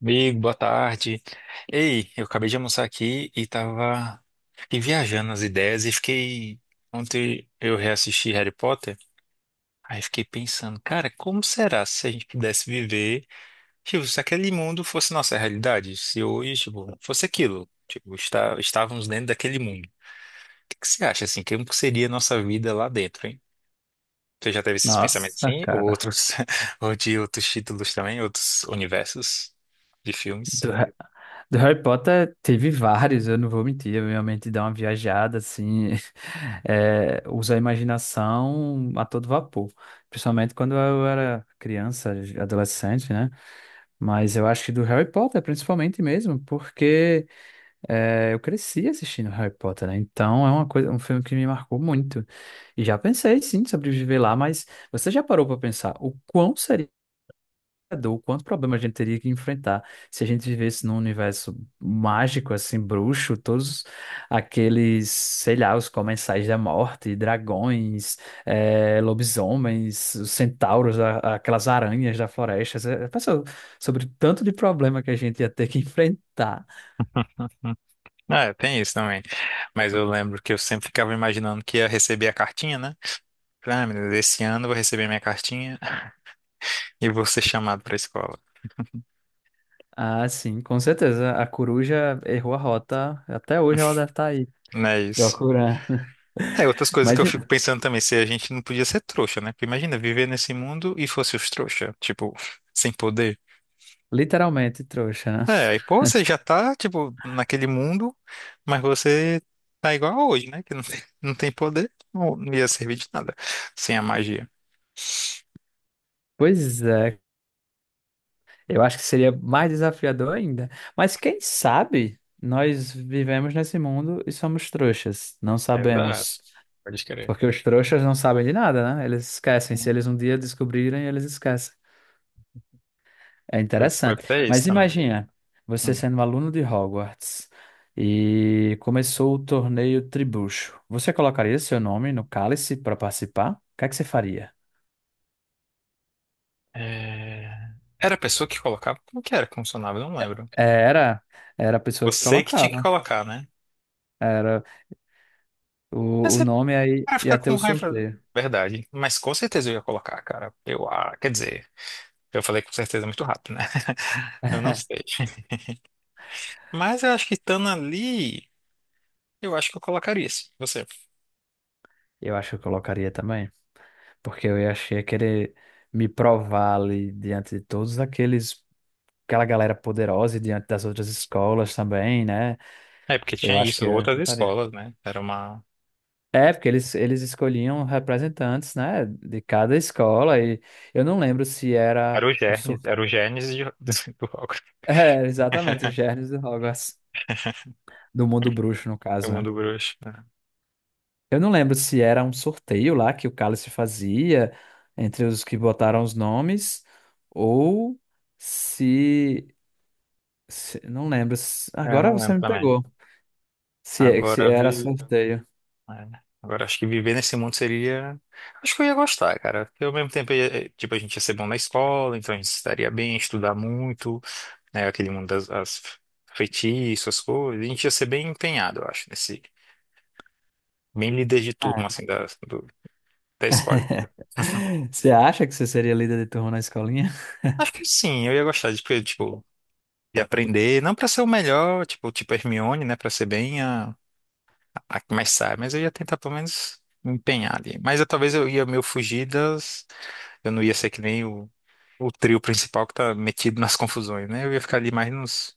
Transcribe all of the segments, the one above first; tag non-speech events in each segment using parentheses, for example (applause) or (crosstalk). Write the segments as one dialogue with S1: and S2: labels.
S1: Amigo, boa tarde. Ei, eu acabei de almoçar aqui e tava fiquei viajando nas ideias e fiquei ontem eu reassisti Harry Potter, aí fiquei pensando, cara, como será se a gente pudesse viver, tipo, se aquele mundo fosse nossa realidade, se hoje, tipo, fosse aquilo, tipo, estávamos dentro daquele mundo. O que que você acha assim, como que seria a nossa vida lá dentro, hein? Você já teve esses pensamentos
S2: Nossa,
S1: assim, ou
S2: cara.
S1: outros, (laughs) ou de outros títulos também, outros universos de filmes?
S2: Do, Ha- do Harry Potter teve vários, eu não vou mentir. Eu realmente dá uma viajada, assim. (laughs) É, usa a imaginação a todo vapor. Principalmente quando eu era criança, adolescente, né? Mas eu acho que do Harry Potter, principalmente mesmo, porque eu cresci assistindo Harry Potter, né? Então é uma coisa, um filme que me marcou muito. E já pensei, sim, sobre viver lá, mas você já parou para pensar o quão seria o quanto problema a gente teria que enfrentar se a gente vivesse num universo mágico, assim, bruxo, todos aqueles, sei lá, os comensais da morte, dragões, lobisomens, os centauros, aquelas aranhas da floresta. Você pensou sobre o tanto de problema que a gente ia ter que (laughs) enfrentar.
S1: (laughs) Ah, é, tem isso também. Mas eu lembro que eu sempre ficava imaginando que ia receber a cartinha, né? Ah, meu Deus, esse ano eu vou receber minha cartinha (laughs) e vou ser chamado pra escola.
S2: Ah, sim, com certeza. A coruja errou a rota. Até hoje ela deve estar aí
S1: Não é isso.
S2: procurando.
S1: É, outras
S2: (laughs)
S1: coisas que
S2: Mas
S1: eu fico pensando também, se a gente não podia ser trouxa, né? Porque imagina, viver nesse mundo e fosse os trouxa, tipo, sem poder.
S2: literalmente trouxa, né?
S1: É, aí, pô, você já tá, tipo, naquele mundo, mas você tá igual a hoje, né? Que não tem poder, não ia servir de nada sem a magia.
S2: Pois é, eu acho que seria mais desafiador ainda. Mas quem sabe nós vivemos nesse mundo e somos trouxas. Não
S1: Exato.
S2: sabemos.
S1: Pode crer.
S2: Porque os trouxas não sabem de nada, né? Eles esquecem. Se eles um dia descobrirem, eles esquecem. É
S1: Foi
S2: interessante.
S1: pra isso
S2: Mas
S1: também.
S2: imagina, você
S1: Hum.
S2: sendo um aluno de Hogwarts e começou o torneio Tribucho. Você colocaria seu nome no cálice para participar? O que é que você faria?
S1: É, Era a pessoa que colocava? Como que era que funcionava? Eu não lembro.
S2: É, era a pessoa que
S1: Você que tinha que
S2: colocava.
S1: colocar, né?
S2: Era o,
S1: Mas
S2: o
S1: ele
S2: nome aí,
S1: vai ficar
S2: ia ter
S1: com
S2: o
S1: raiva.
S2: sorteio.
S1: Verdade. Mas com certeza eu ia colocar, cara. Ah, quer dizer, eu falei com certeza muito rápido, né? (laughs) Eu não sei.
S2: (laughs)
S1: Mas eu acho que estando ali, eu acho que eu colocaria isso. Você.
S2: Eu acho que eu colocaria também, porque achei querer me provar ali diante de todos aqueles, aquela galera poderosa e diante das outras escolas também, né?
S1: É, porque
S2: Eu
S1: tinha
S2: acho que
S1: isso,
S2: eu
S1: outras
S2: chutaria.
S1: escolas, né? Era uma.
S2: É, porque eles escolhiam representantes, né, de cada escola e eu não lembro se era um sorteio.
S1: Era o
S2: (laughs)
S1: Gênesis (laughs) do rock.
S2: É, exatamente, os
S1: (laughs)
S2: germes de Hogwarts, do mundo bruxo, no
S1: Eu
S2: caso, né?
S1: mundo bruxo, né?
S2: Eu não lembro se era um sorteio lá que o Cálice fazia entre os que botaram os nomes ou se, não lembro.
S1: É, eu
S2: Agora
S1: não
S2: você
S1: lembro
S2: me
S1: também.
S2: pegou. Se
S1: Agora
S2: era
S1: vi.
S2: sorteio.
S1: É. Agora, acho que viver nesse mundo seria. Acho que eu ia gostar, cara. Porque ao mesmo tempo, tipo, a gente ia ser bom na escola, então a gente estaria bem, estudar muito, né? Aquele mundo das as feitiços, as coisas. A gente ia ser bem empenhado, eu acho, nesse. Bem líder de
S2: Ah,
S1: turma, assim, da escolinha.
S2: (laughs) você acha que você seria líder de turma na escolinha?
S1: Acho que sim, eu ia gostar de, porque, tipo, de aprender. Não pra ser o melhor, tipo, Hermione, né? Pra ser bem a que mais sabe, mas eu ia tentar pelo menos me empenhar ali. Mas eu, talvez eu ia meio fugir das. Eu não ia ser que nem o trio principal que tá metido nas confusões, né? Eu ia ficar ali mais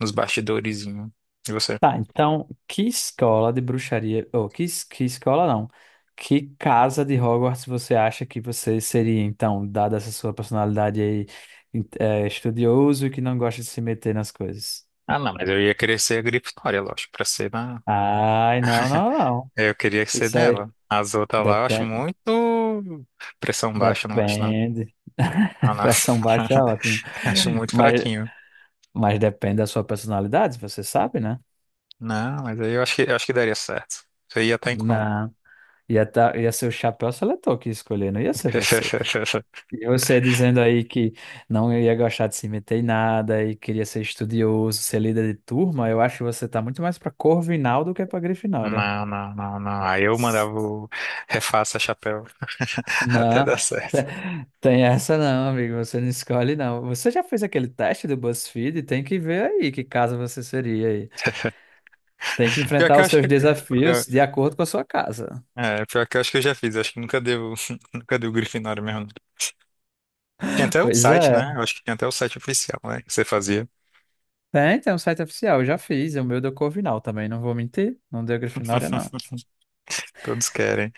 S1: nos bastidorezinho. E você?
S2: Tá, então, que escola de bruxaria, ou que escola não, que casa de Hogwarts você acha que você seria, então, dada essa sua personalidade aí, estudioso e que não gosta de se meter nas coisas?
S1: Ah, não, mas eu ia querer ser a Grifinória, lógico, pra ser na.
S2: Ai, não, não, não.
S1: É, eu queria ser
S2: Isso aí
S1: dela. As outras lá eu acho
S2: depende,
S1: muito pressão baixa, eu não gosto não.
S2: depende.
S1: Ah,
S2: (laughs)
S1: não.
S2: Pressão baixa é ótimo.
S1: (laughs) Acho muito
S2: Mas,
S1: fraquinho.
S2: mas depende da sua personalidade, você sabe, né?
S1: Não, mas aí eu acho que daria certo. Você ia estar em qual?
S2: Não. Ia ser o chapéu seletor que ia escolher, não ia ser você.
S1: (laughs)
S2: E você dizendo aí que não ia gostar de se meter em nada e queria ser estudioso, ser líder de turma, eu acho que você tá muito mais pra Corvinal do que pra Grifinória.
S1: Não, não, não, não. Aí eu mandava o refaça chapéu (laughs) até
S2: Não.
S1: dar certo.
S2: Tem essa não, amigo. Você não escolhe, não. Você já fez aquele teste do BuzzFeed? Tem que ver aí que casa você seria aí. Tem que
S1: Pior
S2: enfrentar
S1: que eu
S2: os
S1: acho
S2: seus
S1: que,
S2: desafios de acordo com a sua casa.
S1: Pior que eu acho que eu já fiz, acho que nunca deu, (laughs) nunca deu Grifinória mesmo, não. Tinha
S2: (laughs)
S1: até o
S2: Pois
S1: site,
S2: é.
S1: né? Eu acho que tinha até o site oficial, né? Que você fazia.
S2: Tem um site oficial. Eu já fiz. O meu deu Corvinal também. Não vou mentir. Não deu Grifinória, não.
S1: Todos querem.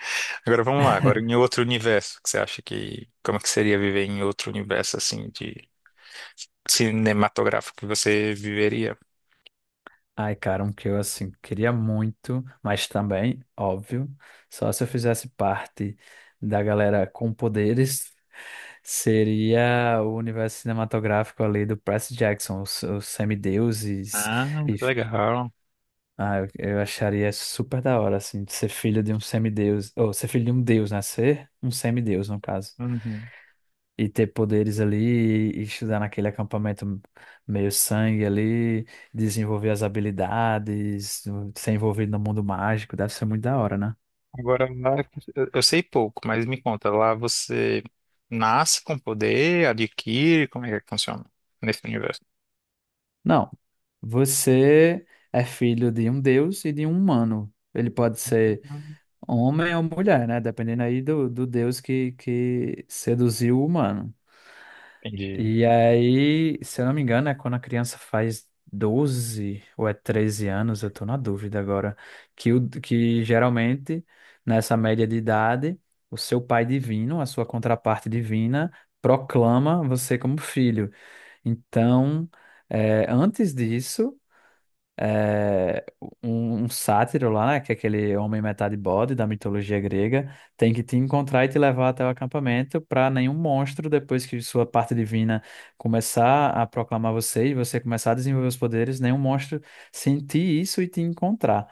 S1: Agora vamos lá, agora em outro universo, que você acha que. Como que seria viver em outro universo, assim, de cinematográfico que você viveria?
S2: Ai, cara, um que eu, assim, queria muito, mas também, óbvio, só se eu fizesse parte da galera com poderes, seria o universo cinematográfico ali do Percy Jackson, os semideuses,
S1: Ah,
S2: e,
S1: que legal.
S2: eu acharia super da hora, assim, de ser filho de um semideus, ou ser filho de um deus, né? Ser um semideus, no caso,
S1: Uhum.
S2: e ter poderes ali, e estudar naquele acampamento meio sangue ali, desenvolver as habilidades, ser envolvido no mundo mágico, deve ser muito da hora, né?
S1: Agora lá, eu sei pouco, mas me conta, lá você nasce com poder, adquire, como é que funciona nesse universo?
S2: Não, você é filho de um deus e de um humano. Ele pode ser homem ou mulher, né? Dependendo aí do deus que seduziu o humano.
S1: Entendi.
S2: E aí, se eu não me engano, é quando a criança faz 12 ou é 13 anos, eu tô na dúvida agora, que geralmente, nessa média de idade, o seu pai divino, a sua contraparte divina, proclama você como filho. Então, antes disso é, um sátiro lá, né? Que é aquele homem metade bode da mitologia grega, tem que te encontrar e te levar até o acampamento para nenhum monstro, depois que sua parte divina começar a proclamar você e você começar a desenvolver os poderes, nenhum monstro sentir isso e te encontrar.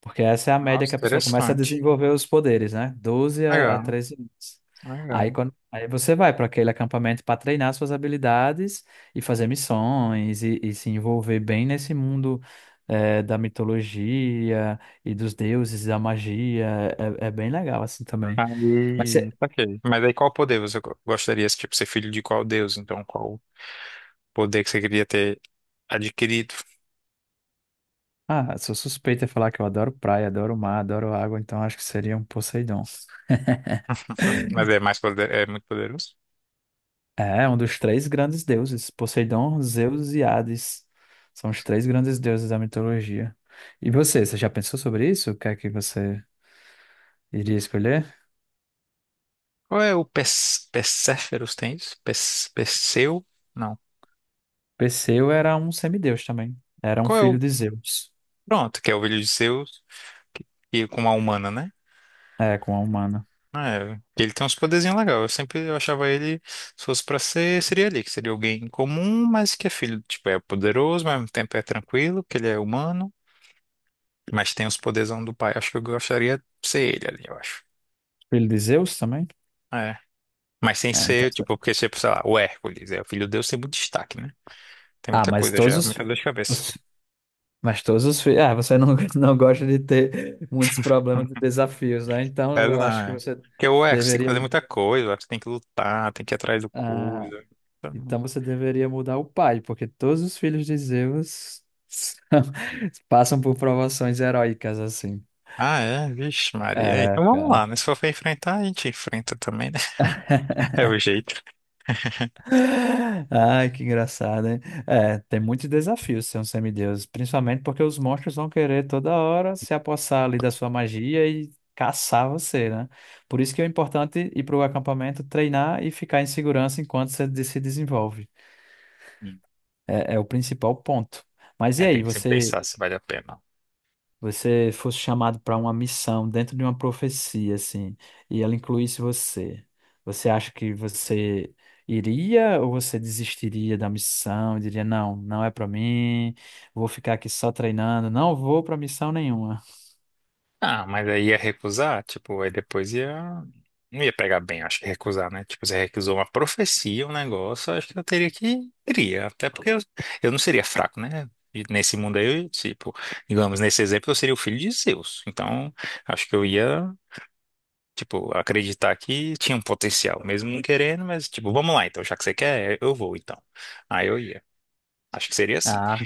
S2: Porque essa é a média
S1: Nossa,
S2: que a pessoa começa a
S1: interessante.
S2: desenvolver os poderes, né? 12 a
S1: Legal.
S2: 13 anos. Aí,
S1: Legal.
S2: quando, aí você vai para aquele acampamento para treinar suas habilidades e fazer missões e se envolver bem nesse mundo, da mitologia e dos deuses, da magia. É bem legal assim também. Mas você,
S1: Aí, saquei. Mas aí qual poder você gostaria, tipo, ser filho de qual deus? Então, qual poder que você queria ter adquirido?
S2: sou suspeita em falar que eu adoro praia, adoro mar, adoro água, então acho que seria um Poseidon.
S1: (laughs) Mas é mais poder, é muito poderoso.
S2: É, um dos três grandes deuses, Poseidon, Zeus e Hades. São os três grandes deuses da mitologia. E você, você já pensou sobre isso? O que é que você iria escolher?
S1: Qual é o Perséferos tem isso? Perseu? Não.
S2: Perseu era um semideus também. Era um
S1: Qual é
S2: filho
S1: o...
S2: de Zeus.
S1: Pronto, que é o filho de Zeus, que, que com uma humana, né?
S2: É, com a humana.
S1: Ah, é, ele tem uns poderzinhos legais. Eu sempre eu achava ele, se fosse pra ser, seria ali, que seria alguém comum, mas que é filho, tipo, é poderoso, mas ao mesmo tempo é tranquilo, que ele é humano. Mas tem os poderzão do pai. Acho que eu gostaria de ser ele ali, eu acho.
S2: Filho de Zeus também?
S1: É. Mas sem
S2: É, então.
S1: ser, tipo, porque, tipo, sei lá, o Hércules, é o filho de Deus, tem muito destaque, né? Tem
S2: Ah,
S1: muita
S2: mas
S1: coisa
S2: todos
S1: já,
S2: os.
S1: muita dor de cabeça.
S2: os- mas todos os filhos. Ah, você não, (laughs) não gosta de ter muitos
S1: Hum.
S2: problemas e desafios, né? Então
S1: É, não
S2: eu acho que
S1: é.
S2: você
S1: Porque o Hércules tem que
S2: deveria.
S1: fazer muita coisa, o Hércules tem que lutar, tem que ir atrás do
S2: ah,
S1: coisa. Então-
S2: Então você deveria mudar o pai, porque todos os filhos de Zeus (laughs) passam por provações heróicas assim.
S1: Ah, é? Vixe, Maria. É,
S2: É,
S1: Então vamos
S2: cara.
S1: lá, né? Se for pra enfrentar, a gente enfrenta também, né? (laughs) É o jeito. (laughs)
S2: Ai, que engraçado, hein? É, tem muitos desafios ser um semideus, principalmente porque os monstros vão querer toda hora se apossar ali da sua magia e caçar você, né? Por isso que é importante ir para o acampamento, treinar e ficar em segurança enquanto você se desenvolve.
S1: Hum.
S2: É o principal ponto. Mas e
S1: É, tem
S2: aí,
S1: que sempre
S2: você
S1: pensar se vale a pena.
S2: você fosse chamado para uma missão dentro de uma profecia, assim, e ela incluísse você, você acha que você iria ou você desistiria da missão e diria, não, não é para mim, vou ficar aqui só treinando, não vou para missão nenhuma?
S1: Ah, mas aí ia recusar, tipo, aí depois ia. Não ia pegar bem, acho que recusar, né? Tipo, você recusou uma profecia, um negócio, acho que eu teria que. Iria, até porque eu não seria fraco, né? E nesse mundo aí, eu, tipo, digamos, nesse exemplo, eu seria o filho de Zeus. Então, acho que eu ia, tipo, acreditar que tinha um potencial, mesmo não querendo, mas, tipo, vamos lá, então, já que você quer, eu vou, então. Aí eu ia. Acho que seria assim.
S2: Ah,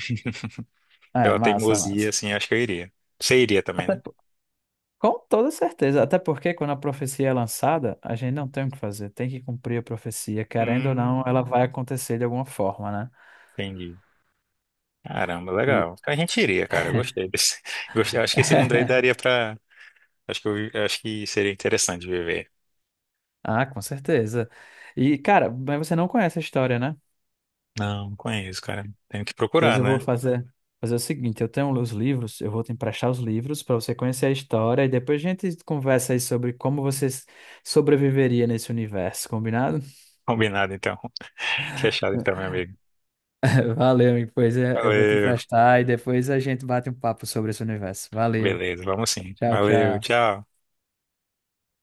S2: é,
S1: Pela
S2: massa,
S1: teimosia,
S2: massa.
S1: assim, acho que eu iria. Você iria também,
S2: Até
S1: né?
S2: po- com toda certeza, até porque quando a profecia é lançada, a gente não tem o que fazer, tem que cumprir a profecia, querendo ou não,
S1: Hum,
S2: ela vai acontecer de alguma forma, né?
S1: entendi. Caramba,
S2: E
S1: legal. A gente iria, cara. Eu gostei desse. (laughs) Gostei. Acho que esse
S2: (laughs)
S1: mundo aí daria pra. Acho que seria interessante viver.
S2: Ah, com certeza. E, cara, mas você não conhece a história, né?
S1: Não, não conheço, cara. Tenho que
S2: Pois
S1: procurar,
S2: eu vou
S1: né?
S2: fazer o seguinte: eu tenho os livros, eu vou te emprestar os livros para você conhecer a história e depois a gente conversa aí sobre como você sobreviveria nesse universo, combinado?
S1: Combinado, então. (laughs) Fechado, então, meu
S2: (laughs)
S1: amigo.
S2: Valeu, amigo. Pois é, eu vou te
S1: Valeu.
S2: emprestar e depois a gente bate um papo sobre esse universo. Valeu.
S1: Beleza, vamos sim.
S2: Tchau,
S1: Valeu,
S2: tchau.
S1: tchau.